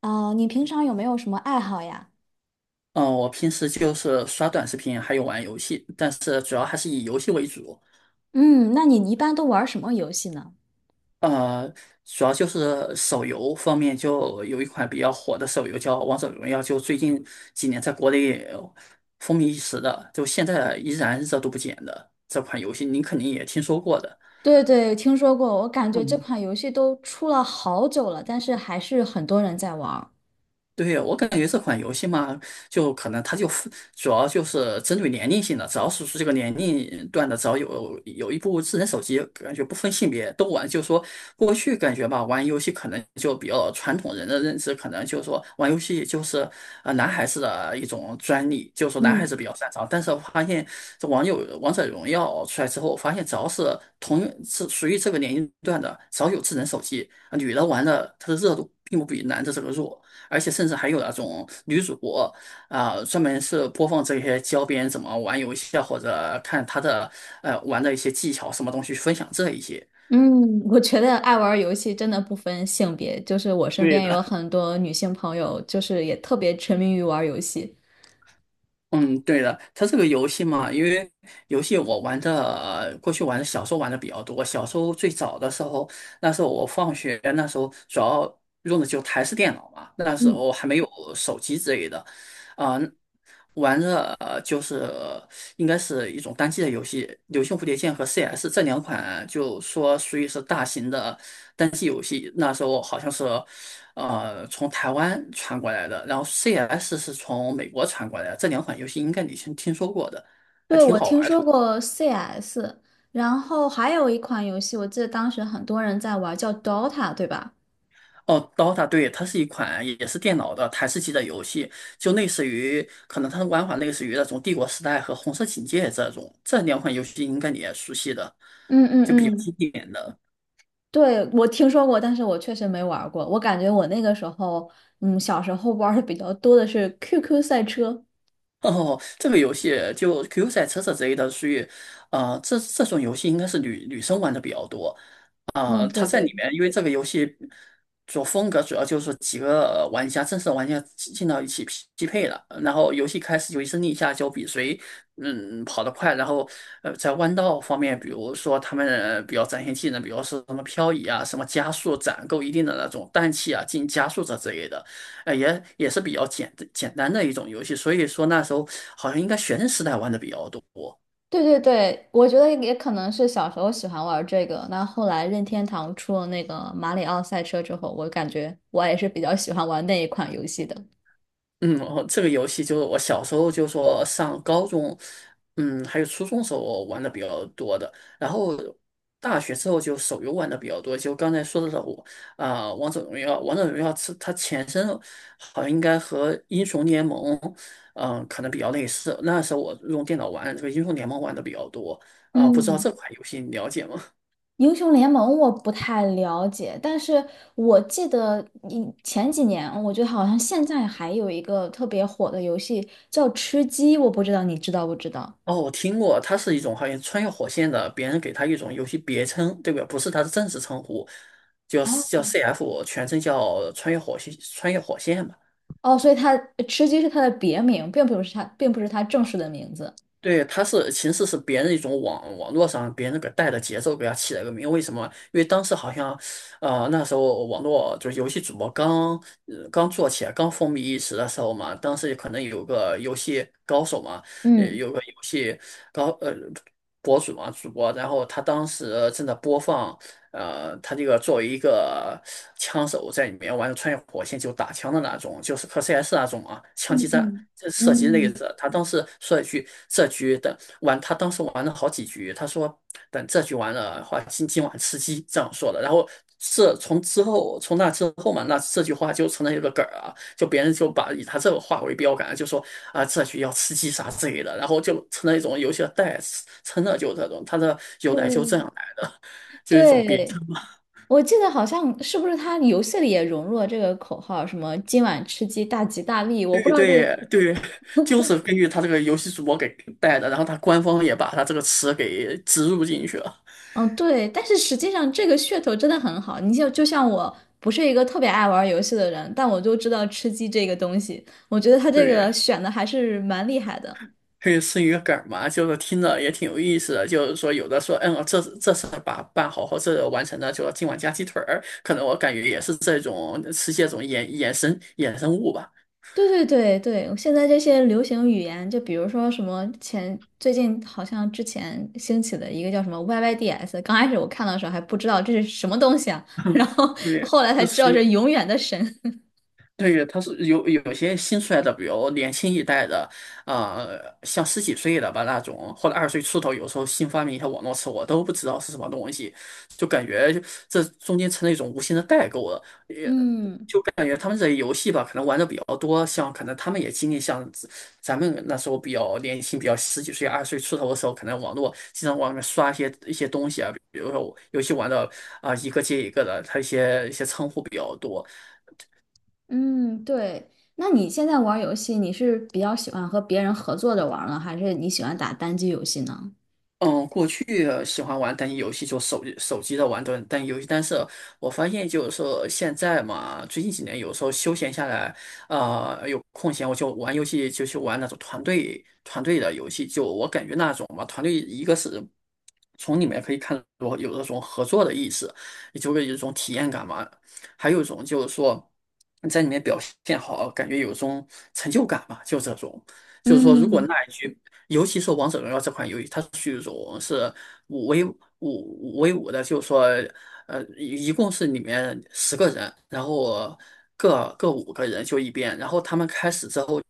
啊，你平常有没有什么爱好呀？嗯，我平时就是刷短视频，还有玩游戏，但是主要还是以游戏为主。嗯，那你一般都玩什么游戏呢？呃，主要就是手游方面，就有一款比较火的手游叫《王者荣耀》，就最近几年在国内风靡一时的，就现在依然热度不减的这款游戏，您肯定也听说过的。对对，听说过，我感觉这嗯。款游戏都出了好久了，但是还是很多人在玩儿。对，我感觉这款游戏嘛，就可能它就主要就是针对年龄性的，只要是这个年龄段的，只要有一部智能手机，感觉不分性别都玩。就是说过去感觉吧，玩游戏可能就比较传统人的认知，可能就是说玩游戏就是男孩子的一种专利，就是说男孩嗯子比较擅长。但是我发现这网友王者荣耀出来之后，我发现只要是同是属于这个年龄段的，只要有智能手机，女的玩的它的热度并不比男的这个弱。而且甚至还有那种女主播啊、专门是播放这些教别人怎么玩游戏啊，或者看他的玩的一些技巧什么东西，分享这一些。嗯，我觉得爱玩儿游戏真的不分性别，就是我身对边有的，很多女性朋友，就是也特别沉迷于玩儿游戏。嗯，对的，它这个游戏嘛，因为游戏我玩的，过去玩的小时候玩的比较多。小时候最早的时候，那时候我放学，那时候主要用的就台式电脑嘛，那时嗯，候还没有手机之类的，啊、玩的就是应该是一种单机的游戏，《流星蝴蝶剑》和 CS 这两款，就说属于是大型的单机游戏。那时候好像是。从台湾传过来的，然后 CS 是从美国传过来的，这两款游戏应该你先听说过的，还对，挺我好听玩的。说过 CS，然后还有一款游戏，我记得当时很多人在玩儿叫 Dota，对吧？哦，Dota，对，它是一款也是电脑的台式机的游戏，就类似于，可能它的玩法类似于那种《帝国时代》和《红色警戒》这种，这两款游戏应该你也熟悉的，嗯嗯就比较经嗯，典的。对，我听说过，但是我确实没玩儿过。我感觉我那个时候，嗯，小时候玩儿的比较多的是 QQ 赛车。哦，这个游戏就 Q 赛车这之类的，属于，这种游戏应该是女生玩的比较多。啊，嗯，对它在对里面，因为这个游戏主风格主要就是几个玩家，正式玩家进到一起匹配了，然后游戏开始就一声令下，就比谁跑得快，然后在弯道方面，比如说他们比较展现技能，比如说什么漂移啊，什么加速攒够一定的那种氮气啊，进行加速这之类的，也是比较简单的一种游戏，所以说那时候好像应该学生时代玩的比较多。对对对，我觉得也可能是小时候喜欢玩儿这个。那后来任天堂出了那个马里奥赛车之后，我感觉我也是比较喜欢玩那一款游戏的。嗯，哦，这个游戏就是我小时候就说上高中，还有初中时候我玩的比较多的，然后大学之后就手游玩的比较多，就刚才说的我啊，王者荣耀，王者荣耀是它前身好像应该和英雄联盟，可能比较类似。那时候我用电脑玩这个英雄联盟玩的比较多啊，不知道嗯，这款游戏你了解吗？英雄联盟我不太了解，但是我记得你前几年，我觉得好像现在还有一个特别火的游戏叫吃鸡，我不知道你知道不知道。哦，我听过，它是一种好像穿越火线的，别人给它一种游戏别称，对不对？不是它的正式称呼，叫叫 哦， CF，全称叫穿越火线，穿越火线嘛。哦，所以它吃鸡是它的别名，并不是它，并不是它正式的名字。对，它是其实是别人一种网络上别人给带的节奏给它起了个名，为什么？因为当时好像，那时候网络就是游戏主播刚刚做起来，刚风靡一时的时候嘛，当时可能有个游戏高手嘛，嗯有个游戏高呃博主嘛，主播，然后他当时正在播放。他这个作为一个枪手在里面玩穿越火线就打枪的那种，就是和 CS 那种啊枪嗯击战嗯这射击类嗯，的。他当时说一句，这局的玩，他当时玩了好几局，他说等这局完了的话，今晚吃鸡这样说的。然后这从之后，从那之后嘛，那这句话就成了一个梗儿啊，就别人就把以他这个话为标杆，就说啊这局要吃鸡啥之类的，然后就成了一种游戏的代词，成了就这种，他的由来就这对，样来的。就是一种别称。对，我记得好像是不是它游戏里也融入了这个口号，什么今晚吃鸡大吉大利，我不对知道这个，对对，就是根据他这个游戏主播给带的，然后他官方也把他这个词给植入进去了。嗯，对，但是实际上这个噱头真的很好，你像就像我不是一个特别爱玩游戏的人，但我就知道吃鸡这个东西，我觉得它这对，个选的还是蛮厉害的。可以是一个梗儿嘛，就是听着也挺有意思的。就是说，有的说，这次把办好或者完成的，就今晚加鸡腿儿，可能我感觉也是这种是这种衍生物吧。对对对对，现在这些流行语言，就比如说什么前最近好像之前兴起的一个叫什么 YYDS，刚开始我看到的时候还不知道这是什么东西啊，然后对，后来才那知属道这于永远的神。对，他是有些新出来的，比如年轻一代的，像十几岁的吧那种，或者二十岁出头，有时候新发明一些网络词，我都不知道是什么东西，就感觉就这中间成了一种无形的代沟了。也嗯感觉他们这游戏吧，可能玩的比较多，像可能他们也经历像咱们那时候比较年轻，比较十几岁、二十岁出头的时候，可能网络经常往里面刷一些东西啊，比如说我游戏玩的啊、一个接一个的，它一些称呼比较多。嗯，对。那你现在玩儿游戏，你是比较喜欢和别人合作着玩儿呢，还是你喜欢打单机游戏呢？嗯，过去喜欢玩单机游戏，就手机的玩单机游戏，但是我发现就是说现在嘛，最近几年有时候休闲下来，有空闲我就玩游戏，就去玩那种团队的游戏，就我感觉那种嘛，团队一个是从里面可以看到有那种合作的意识，也就会有一种体验感嘛，还有一种就是说你在里面表现好，感觉有一种成就感嘛，就这种。就是说，如果嗯那一局，尤其是《王者荣耀》这款游戏，它是一种是五 v 五的，就是说，一共是里面10个人，然后各5个人就一边，然后他们开始之后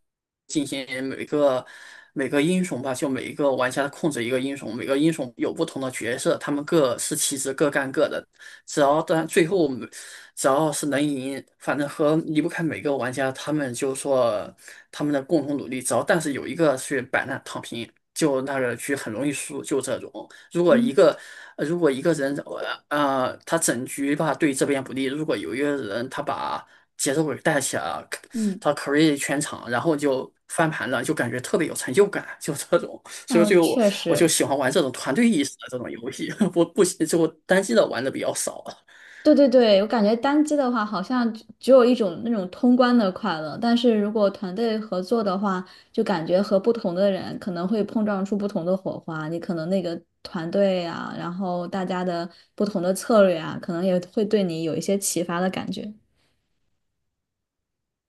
进行每个英雄吧，就每一个玩家控制一个英雄，每个英雄有不同的角色，他们各司其职，各干各的，只要到最后。只要是能赢，反正和离不开每个玩家，他们就说他们的共同努力，只要但是有一个去摆烂躺平，就那个局很容易输，就这种。如果一嗯个如果一个人他整局吧对这边不利，如果有一个人他把节奏给带起来了，嗯，他 carry 全场，然后就翻盘了，就感觉特别有成就感，就这种。所以那就我确我就实。喜欢玩这种团队意识的这种游戏，我不喜就单机的玩的比较少。对对对，我感觉单机的话，好像只有一种那种通关的快乐，但是如果团队合作的话，就感觉和不同的人可能会碰撞出不同的火花。你可能那个团队啊，然后大家的不同的策略啊，可能也会对你有一些启发的感觉。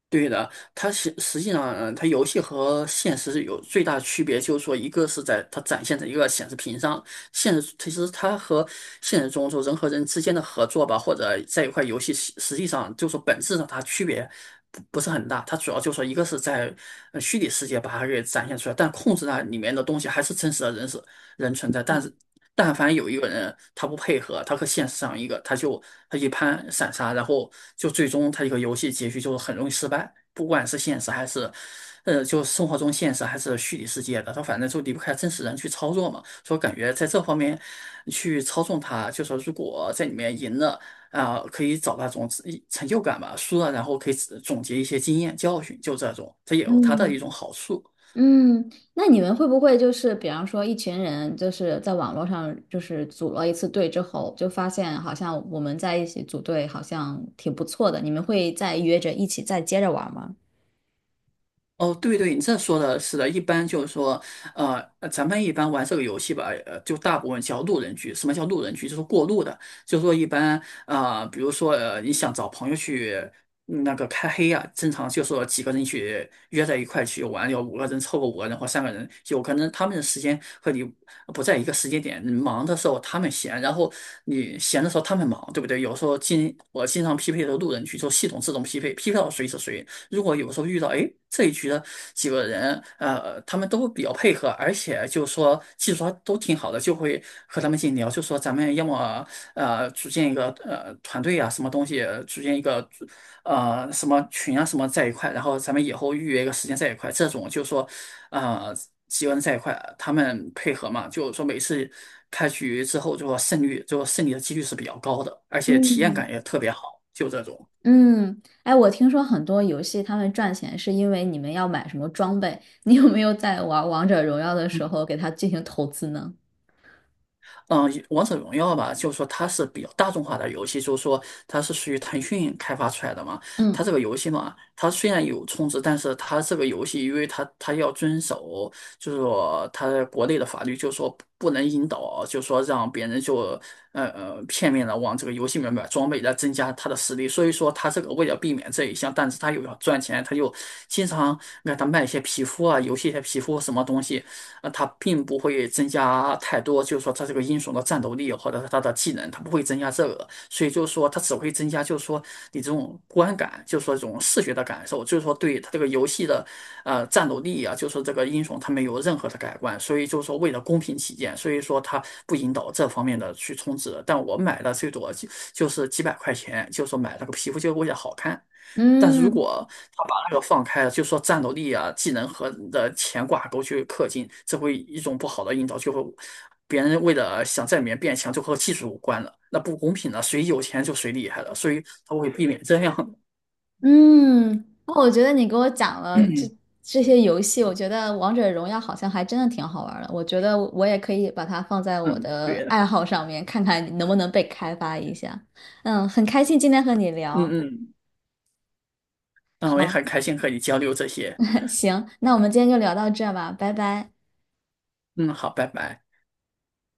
对的，它实际上，嗯，它游戏和现实是有最大区别，就是说，一个是在它展现在一个显示屏上，现实其实它和现实中就人和人之间的合作吧，或者在一块游戏，实际上就是说本质上它区别不是很大，它主要就是说一个是在虚拟世界把它给展现出来，但控制那里面的东西还是真实的人是人存在，但是但凡有一个人他不配合，他和现实上一个，他就他一盘散沙，然后就最终他一个游戏结局就是很容易失败，不管是现实还是，就生活中现实还是虚拟世界的，他反正就离不开真实人去操作嘛。所以我感觉在这方面去操纵他，就说如果在里面赢了啊、可以找那种自成就感吧；输了，然后可以总结一些经验教训，就这种，这也有它的一嗯。种好处。嗯，那你们会不会就是，比方说一群人就是在网络上就是组了一次队之后，就发现好像我们在一起组队好像挺不错的，你们会再约着一起再接着玩吗？哦，对对，你这说的是的，一般就是说，咱们一般玩这个游戏吧，就大部分叫路人局。什么叫路人局？就是过路的，就是说一般，比如说，你想找朋友去嗯那个开黑啊，正常就是说几个人去约在一块去玩，有五个人凑够五个人或三个人，有可能他们的时间和你不在一个时间点，你忙的时候他们闲，然后你闲的时候他们忙，对不对？有时候我经常匹配的路人局，就系统自动匹配，匹配到谁是谁。如果有时候遇到，哎，这一局的几个人，他们都比较配合，而且就说技术都挺好的，就会和他们进行聊，就说咱们要么组建一个团队啊，什么东西，组建一个什么群啊，什么在一块，然后咱们以后预约一个时间在一块，这种就说呃几个人在一块，他们配合嘛，就是说每次开局之后，就说胜率，就说胜利的几率是比较高的，而且体验嗯，感也特别好，就这种。嗯，哎，我听说很多游戏他们赚钱是因为你们要买什么装备，你有没有在玩王者荣耀的时候给它进行投资呢？嗯，王者荣耀吧，就是说它是比较大众化的游戏，就是说它是属于腾讯开发出来的嘛。它嗯，这个游戏嘛，它虽然有充值，但是它这个游戏，因为它要遵守，就是说它国内的法律，就是说不能引导，就是说让别人就片面的往这个游戏里面买装备来增加他的实力。所以说它这个为了避免这一项，但是它又要赚钱，它就经常让他卖一些皮肤啊，游戏一些皮肤什么东西。那它并不会增加太多，就是说它这个英雄的战斗力或者是他的技能，它不会增加这个，所以就是说它只会增加，就是说你这种观感，就是说这种视觉的感受，就是说对它这个游戏的战斗力啊，就是说这个英雄他没有任何的改观，所以就是说为了公平起见，所以说它不引导这方面的去充值，但我买的最多就是几百块钱，就是说买了个皮肤结为了好看。但是如嗯，果他把那个放开了，就说战斗力啊、技能和你的钱挂钩去氪金，这会一种不好的引导，就会别人为了想在里面变强，就和技术无关了，那不公平的，谁有钱就谁厉害了，所以他会避免这样的。嗯，我觉得你给我讲了这 这些游戏，我觉得王者荣耀好像还真的挺好玩儿的。我觉得我也可以把它放在我嗯，的对的，爱好上面，看看能不能被开发一下。嗯，很开心今天和你嗯聊。嗯，那我也好，很开心和你交流这些。行，那我们今天就聊到这吧，拜拜。嗯，好，拜拜。